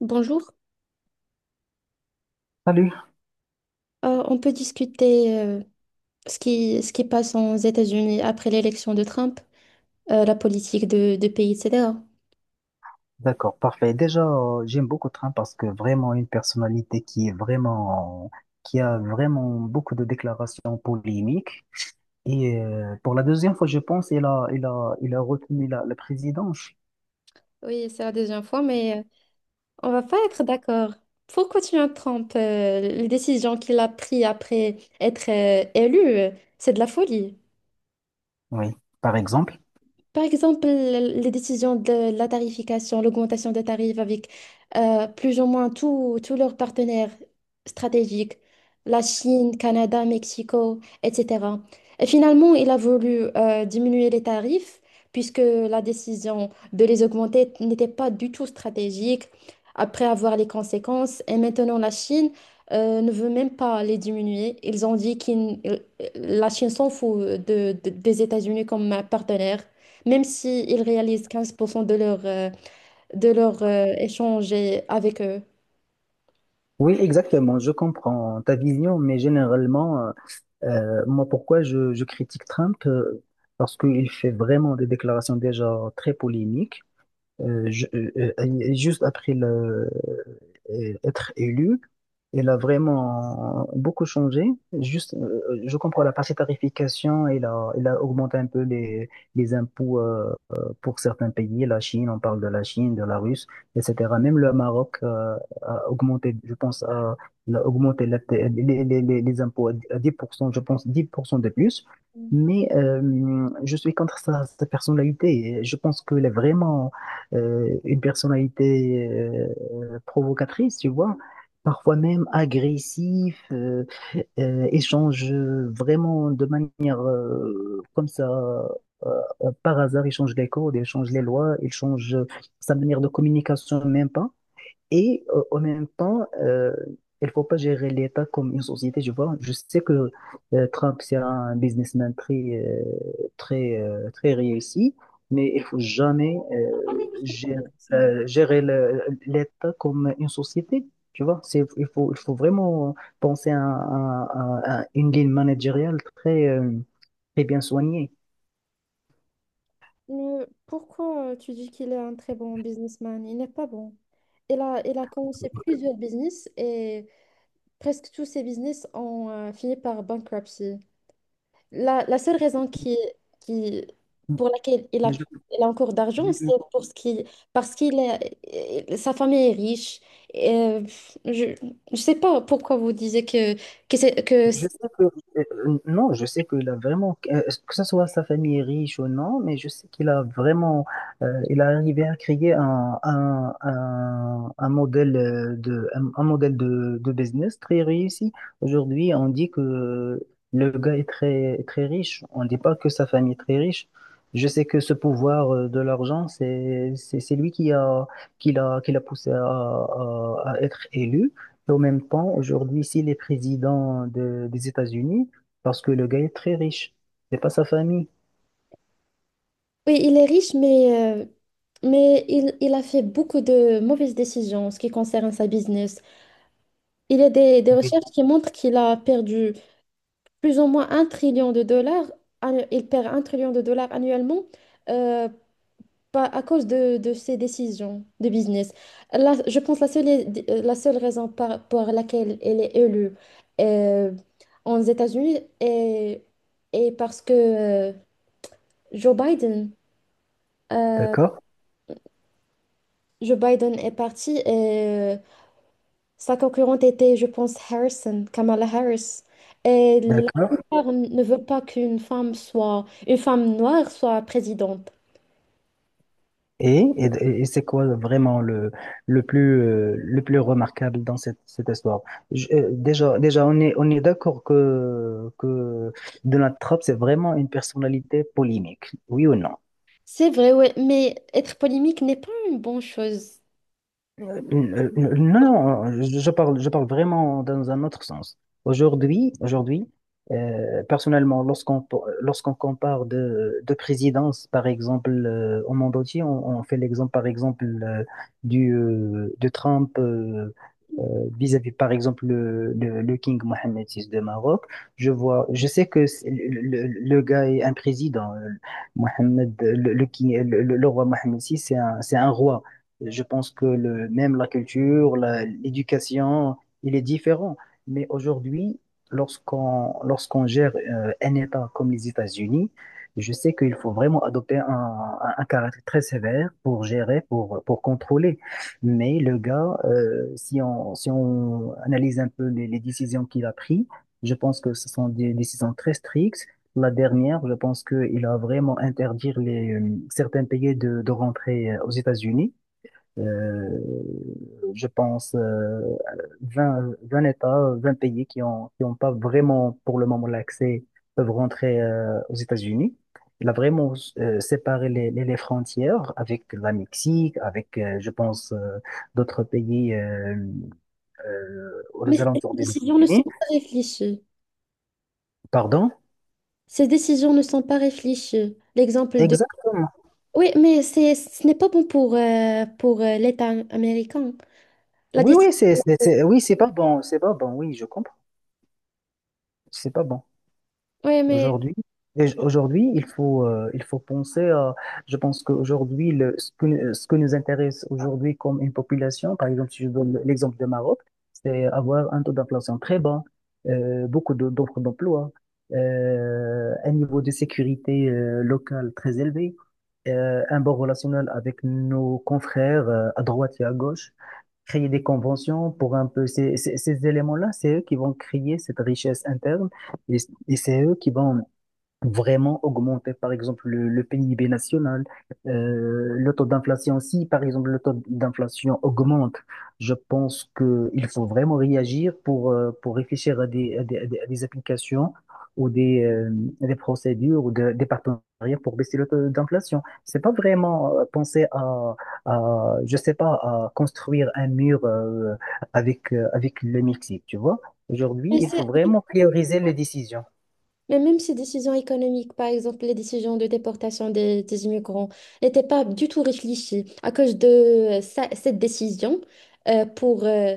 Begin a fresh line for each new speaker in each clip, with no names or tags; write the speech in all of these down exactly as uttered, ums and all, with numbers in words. Bonjour.
Salut,
Euh, on peut discuter euh, ce qui, ce qui passe aux États-Unis après l'élection de Trump, euh, la politique de, de pays, et cetera.
d'accord, parfait. Déjà, euh, j'aime beaucoup Trump parce que vraiment une personnalité qui est vraiment, qui a vraiment beaucoup de déclarations polémiques. Et euh, pour la deuxième fois, je pense, il a, il a, il a retenu la, la présidence.
Oui, c'est la deuxième fois, mais euh, on va pas être d'accord. Pourquoi tu Trump, euh, les décisions qu'il a prises après être euh, élu, euh, c'est de la folie.
Oui, par exemple.
Par exemple, l- les décisions de la tarification, l'augmentation des tarifs avec euh, plus ou moins tous tous leurs partenaires stratégiques, la Chine, Canada, Mexico, et cetera. Et finalement, il a voulu euh, diminuer les tarifs puisque la décision de les augmenter n'était pas du tout stratégique après avoir les conséquences. Et maintenant, la Chine euh, ne veut même pas les diminuer. Ils ont dit que la Chine s'en fout de- de- des États-Unis comme partenaire même si ils réalisent quinze pour cent de leur, euh, de leur euh, échange et- avec eux.
Oui, exactement. Je comprends ta vision, mais généralement, euh, euh, moi, pourquoi je, je critique Trump? euh, Parce qu'il fait vraiment des déclarations déjà très polémiques. Euh, je- euh, euh, juste après le, euh, être élu, elle a vraiment beaucoup changé. Juste, euh, euh, je comprends la partie tarification, elle a, elle a augmenté un peu les, les impôts euh, euh, pour certains pays, la Chine, on parle de la Chine, de la Russe, et cætera. Même le Maroc euh, a augmenté, je pense, a, il a augmenté la- les, les, les, les impôts à dix pour cent, je pense dix pour cent de plus. Mais euh, je suis contre sa, sa personnalité. Je pense qu'elle est vraiment euh, une personnalité euh, provocatrice, tu vois, parfois même agressif, euh, euh, échange vraiment de manière euh, comme ça, euh, euh, par hasard, il change les codes, il change les lois, il change sa manière de communication, même pas. Et euh, en même temps, euh, il ne faut pas gérer l'État comme une société, je vois. Je sais que euh, Trump, c'est un businessman très, euh, très, euh, très réussi, mais il ne faut jamais
Ah, mais
euh,
je suis un
gérer,
businessman.
euh, gérer le- l'État comme une société. Tu vois, c'est, il faut, il faut vraiment penser à, à- à- à une ligne managériale très, euh, très bien soignée.
Mais pourquoi euh, tu dis qu'il est un très bon businessman? Il n'est pas bon. Il a, il a commencé plusieurs business et presque tous ses business ont euh, fini par bankruptcy. La, la seule raison qui, qui, pour laquelle il a,
Mais
il a encore d'argent, c'est
je-
pour ce qui, parce qu'il est, sa famille est riche. Et, je ne sais pas pourquoi vous disiez que, que, c'est- que
Je
c'est-
sais que, euh, non, je sais qu'il a vraiment, euh, que ce soit sa famille est riche ou non, mais je sais qu'il a vraiment, euh, il a arrivé à créer un, un, un, un modèle euh, de, un, un modèle de, de business très réussi. Aujourd'hui, on dit que le gars est très, très riche. On ne dit pas que sa famille est très riche. Je sais que ce pouvoir euh, de l'argent, c'est, c'est, c'est lui qui a, qui l'a, qui l'a poussé à, à à être élu. Et en même temps, aujourd'hui, s'il est président de- des États-Unis, parce que le gars est très riche, c'est pas sa famille.
oui, il est riche, mais, euh, mais il, il a fait beaucoup de mauvaises décisions en ce qui concerne sa business. Il y a des, des recherches
Oui.
qui montrent qu'il a perdu plus ou moins un trillion de dollars. annu- Il perd un trillion de dollars annuellement, euh, pas à cause de, de ces décisions de business. Là, je pense la seule, la seule raison par- pour laquelle elle est élue euh, aux États-Unis est, est parce que euh, Joe Biden, euh,
D'accord?
Joe Biden est parti et euh, sa concurrente était, je pense, Harrison, Kamala Harris. Et la
D'accord.
plupart ne veut pas qu'une femme soit, une femme noire soit présidente.
Et, et, et c'est quoi vraiment le, le plus, euh, le plus remarquable dans cette, cette histoire? Je- euh, déjà, déjà, on est, on est d'accord que, que Donald Trump, c'est vraiment une personnalité polémique. Oui ou non?
C'est vrai, ouais, mais être polémique n'est pas une bonne chose.
Euh, euh, euh, non, non, je, je parle, je parle vraiment dans un autre sens. Aujourd'hui, aujourd'hui, euh, personnellement, lorsqu'on lorsqu'on compare de, de présidence, par exemple, euh, au monde entier, on, on fait l'exemple, par exemple, euh, du, euh, de Trump euh, euh, vis-à-vis, par exemple, le, le, le King Mohammed six de Maroc. Je vois, je sais que c'est- le, le- le gars est un président. euh, Mohammed, le, le, king- le, le- le roi Mohammed six, c'est un, c'est un roi. Je pense que le, même la culture, la- l'éducation, il est différent. Mais aujourd'hui, lorsqu'on lorsqu'on gère euh, un État comme les États-Unis, je sais qu'il faut vraiment adopter un, un- un caractère très sévère pour gérer, pour, pour contrôler. Mais le gars, euh, si on, si on analyse un peu les, les décisions qu'il a prises, je pense que ce sont des décisions très strictes. La dernière, je pense qu'il a vraiment interdit les, euh, certains pays de, de rentrer euh, aux États-Unis. Euh, je pense, euh, vingt 20 États, vingt pays qui ont, qui ont pas vraiment pour le moment l'accès peuvent rentrer euh, aux États-Unis. Il a vraiment euh, séparé les, les, les frontières avec la Mexique, avec, euh, je pense, euh, d'autres pays euh, euh,
Mais
aux
ces
alentours des
décisions ne sont
États-Unis.
pas réfléchies.
Pardon?
Ces décisions ne sont pas réfléchies. L'exemple de...
Exactement.
Oui, mais c'est, ce n'est pas bon pour, euh, pour euh, l'État américain. La
Oui,
décision...
oui, c'est, c'est, c'est- oui, c'est pas bon, c'est pas bon, oui, je comprends. C'est pas bon.
Oui, mais,
Aujourd'hui, et aujourd'hui, il faut, euh, il faut penser à, je pense qu'aujourd'hui, le, ce que, ce que nous intéresse aujourd'hui comme une population, par exemple, si je donne l'exemple de Maroc, c'est avoir un taux d'inflation très bas, euh, beaucoup de- d'offres d'emploi, euh, un niveau de sécurité, euh, locale très élevé, euh, un bon relationnel avec nos confrères, euh, à droite et à gauche créer des conventions pour un peu ces, ces, ces éléments-là, c'est eux qui vont créer cette richesse interne et, et c'est eux qui vont vraiment augmenter, par exemple, le, le P I B national, euh, le taux d'inflation. Si, par exemple, le taux d'inflation augmente, je pense que il faut vraiment réagir pour, euh, pour réfléchir à des, à des, à des- à des applications ou des, euh, des procédures ou de- des partenariats pour baisser le taux d'inflation. C'est pas vraiment euh, penser à, à, je sais pas, à construire un mur, euh, avec, euh, avec le Mexique, tu vois. Aujourd'hui,
mais,
il
c'est-
faut vraiment prioriser les décisions.
mais même ces décisions économiques, par exemple, les décisions de déportation des, des immigrants, n'étaient pas du tout réfléchies. À cause de euh, ça- cette décision, euh, pour, euh,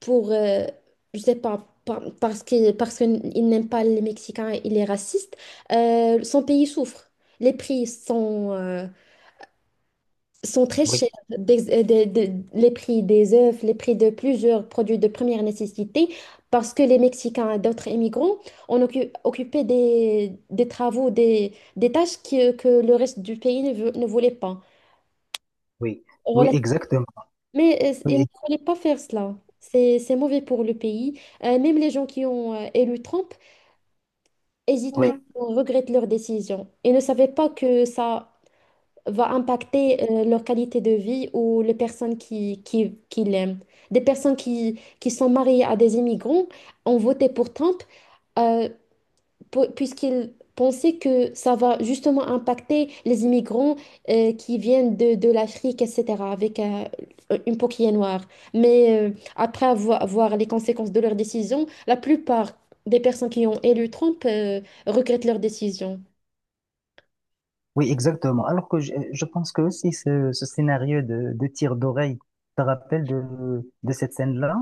pour, euh, je sais pas, par- parce qu'il parce qu'il n'aime pas les Mexicains, il est raciste, euh, son pays souffre. Les prix sont, euh, sont très
Oui,
chers. Des- euh, des- des- les prix des œufs, les prix de plusieurs produits de première nécessité, parce que les Mexicains et d'autres immigrants ont occu- occupé des, des travaux, des, des tâches que, que le reste du pays ne, veut- ne voulait pas.
oui, oui, exactement.
Mais euh, il ne
Oui,
fallait pas faire cela. C'est, c'est mauvais pour le pays. Euh, même les gens qui ont euh, élu Trump hésitent
oui,
maintenant,
voilà.
regrettent leur décision et ne savaient pas que ça va impacter euh, leur qualité de vie ou les personnes qui, qui, qui l'aiment. Des personnes qui, qui sont mariées à des immigrants ont voté pour Trump. Euh, pu- Puisqu'il pensait que ça va justement impacter les immigrants euh, qui viennent de, de l'Afrique, et cetera, avec euh, une peau qui est noire. Mais euh, après avoir, voir les conséquences de leur décision, la plupart des personnes qui ont élu Trump euh, regrettent leur décision.
Oui, exactement. Alors que je, je pense que aussi ce, ce scénario de, de tir d'oreille, tu te rappelles de, de cette scène-là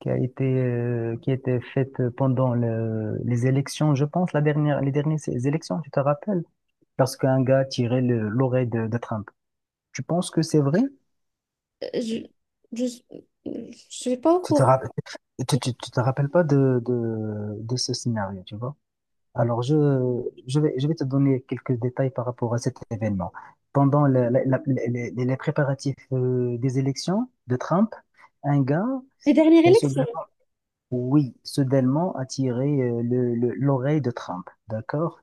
qui a été, euh, qui a été faite pendant le- les élections, je pense, la dernière, les dernières élections, tu te rappelles? Lorsqu'un gars tirait le- l'oreille de, de Trump. Tu penses que c'est vrai?
Euh, Je, je, je suis pas au
Tu te
courant.
rappelles, tu, tu- tu te rappelles pas de, de, de ce scénario, tu vois? Alors, je, je vais, je vais te donner quelques détails par rapport à cet événement. Pendant la- la- la- les, les préparatifs euh, des élections de Trump, un gars,
Les dernières
euh,
élections.
soudainement, oui, soudainement a tiré euh, le- le- l'oreille de Trump, d'accord?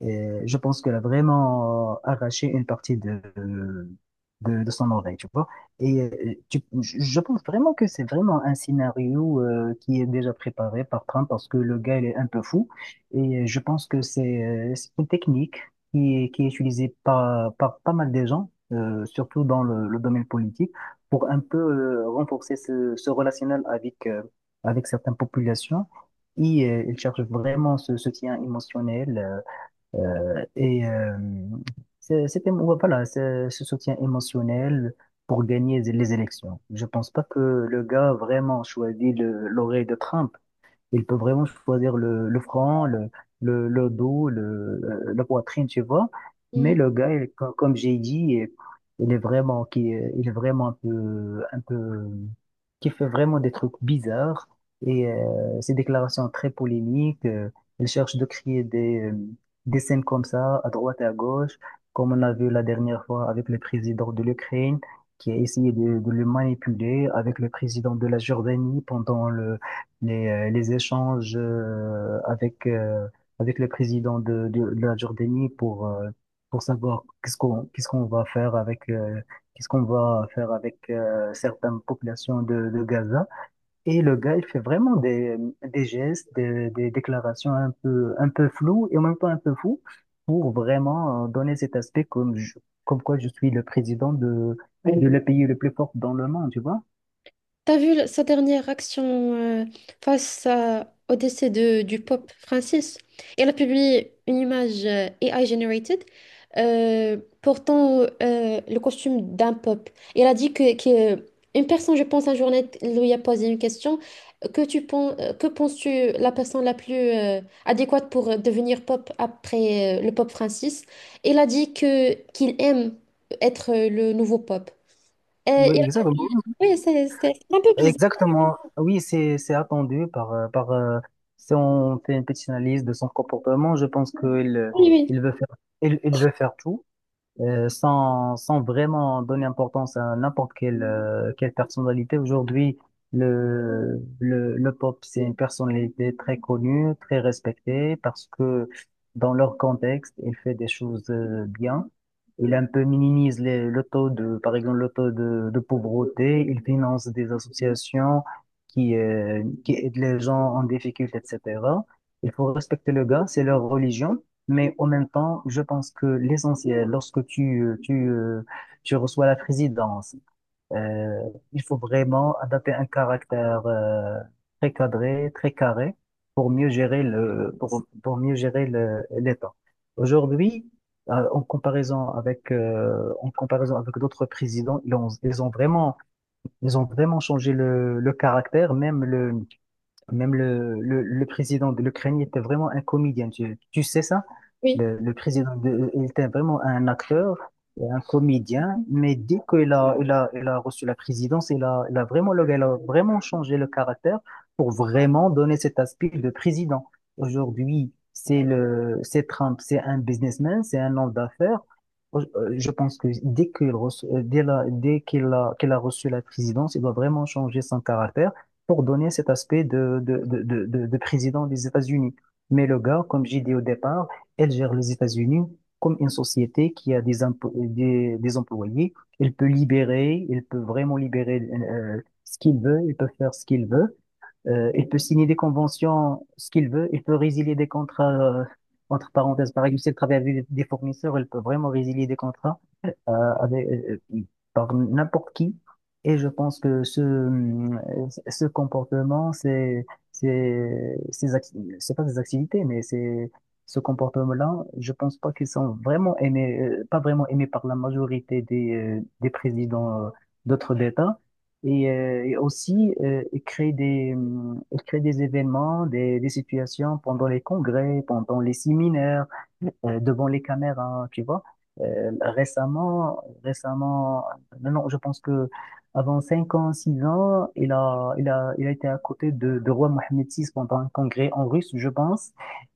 Et je pense qu'elle a vraiment euh, arraché une partie de, de, de son oreille, tu vois. Et euh, tu- je je pense vraiment que c'est vraiment un scénario euh, qui est déjà préparé par Trump parce que le gars, il est un peu fou. Et je pense que c'est euh, c'est une technique qui est, qui est utilisée par, par pas mal de gens, euh, surtout dans le, le domaine politique, pour un peu euh, renforcer ce, ce relationnel avec, euh, avec certaines populations. Et euh, il cherche vraiment ce soutien émotionnel. euh, euh, et euh, c'est- c'était, voilà, c'est ce soutien émotionnel pour gagner les élections. Je pense pas que le gars vraiment choisit le- l'oreille de Trump. Il peut vraiment choisir le, le front, le, le, le dos, le, euh, la poitrine, tu vois. Mais le gars, il- co- comme j'ai dit, il est vraiment, qui, il est vraiment un peu, un peu, qui fait vraiment des trucs bizarres. Et euh, ses déclarations très polémiques, euh, il cherche de créer des, euh, des scènes comme ça, à droite et à gauche, comme on a vu la dernière fois avec le président de l'Ukraine, qui a essayé de, de le manipuler, avec le président de la Jordanie pendant le les, euh, les échanges euh, avec, euh, avec le président de, de, de la Jordanie pour, euh, pour savoir qu'est-ce qu'on qu'est-ce qu'on va faire avec, euh, qu'est-ce qu'on va faire avec euh, certaines populations de, de Gaza. Et le gars, il fait vraiment des, des gestes, des, des déclarations un peu, un peu floues et en même temps un peu fous pour vraiment euh, donner cet aspect comme, je- comme quoi je suis le président de, de le pays le plus fort dans le monde, tu vois?
T'as vu le- sa dernière action euh, face à- au décès de, du pape Francis? Elle a publié une image euh, A I generated euh, portant euh, le costume d'un pape. Et elle a dit que, que euh, une personne, je pense, un journal lui a posé une question. Que tu penses, que penses-tu la personne la plus euh, adéquate pour euh, devenir pape après euh, le pape Francis? Elle a dit que qu'il aime être euh, le nouveau pape. Euh,
Oui,
il a
exactement.
publié- oui, c'est c'est- c'est un peu bizarre.
Exactement. Oui, c'est c'est attendu par euh, par euh, si on fait une petite analyse de son comportement, je pense qu'il
Oui, oui,
il veut faire il, il veut faire tout euh, sans, sans vraiment donner importance à n'importe quelle, euh, quelle personnalité. Aujourd'hui, le, le, le pop, c'est une personnalité très connue, très respectée, parce que dans leur contexte, il fait des choses euh, bien. Il un peu minimise les, le taux de, par exemple, le taux de, de pauvreté. Il finance des associations qui, euh, qui aident les gens en difficulté, et cætera. Il faut respecter le gars, c'est leur religion. Mais en même temps, je pense que l'essentiel, lorsque tu, euh, tu, euh, tu reçois la présidence, euh, il faut vraiment adapter un caractère euh, très cadré, très carré, pour mieux gérer le, pour, pour mieux gérer le, l'État. Aujourd'hui, euh, en comparaison avec, euh, en comparaison avec d'autres présidents, ils ont, ils ont vraiment, ils ont vraiment changé le, le caractère, même le même le, le, le président de l'Ukraine était vraiment un comédien, tu, tu sais ça?
oui.
Le, le président, de, il était vraiment un acteur, et un comédien, mais dès qu'il a, il a, il a reçu la présidence, il a, il a vraiment, le- gars, il a vraiment changé le caractère pour vraiment donner cet aspect de président. Aujourd'hui, c'est le, c'est Trump, c'est un businessman, c'est un homme d'affaires. Euh, Je pense que dès qu'il reço- euh, dès la- dès qu'il a, qu'il a reçu la présidence, il doit vraiment changer son caractère pour donner cet aspect de, de, de, de, de- de président des États-Unis. Mais le gars, comme j'ai dit au départ, elle gère les États-Unis comme une société qui a des, empo- des, des employés. Il peut libérer, il peut vraiment libérer euh, ce qu'il veut, il peut faire ce qu'il veut. Euh, il peut signer des conventions, ce qu'il veut. Il peut résilier des contrats, euh, entre parenthèses. Par exemple, s'il travaille avec des fournisseurs, il peut vraiment résilier des contrats euh, avec, euh, euh, par n'importe qui. Et je pense que ce, hum, ce comportement, c'est, c'est, ces acti- c'est pas des activités, mais c'est, ce comportement-là, je pense pas qu'ils sont vraiment aimés, euh, pas vraiment aimés par la majorité des, euh, des présidents euh, d'autres États. Et, euh, et aussi, euh, ils créent des, hum, ils créent des événements, des, des situations pendant les congrès, pendant les séminaires, euh, devant les caméras, tu vois. Euh, récemment, récemment, non, non, je pense que avant cinq ans, six ans, il a, il a, il a été à côté de, de roi Mohamed six pendant un congrès en russe, je pense.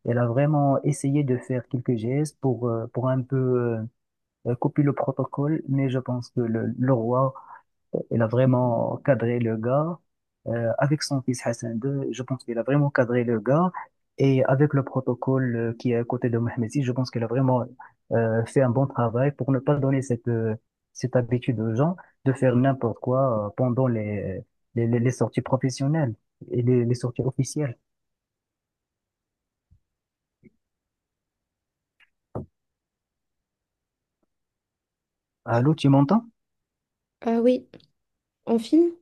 Il a vraiment essayé de faire quelques gestes pour, euh, pour un peu euh, euh, copier le protocole, mais je pense que le, le roi il a vraiment cadré le gars. Euh, avec son fils Hassan deux, je pense qu'il a vraiment cadré le gars. Et avec le protocole euh, qui est à côté de Mohamed six, je pense qu'il a vraiment euh, fait un bon travail pour ne pas donner cette, euh, cette habitude aux gens de faire n'importe quoi euh, pendant les, les, les- les sorties professionnelles et les, les sorties officielles. Allô, tu m'entends?
Euh, oui, en film,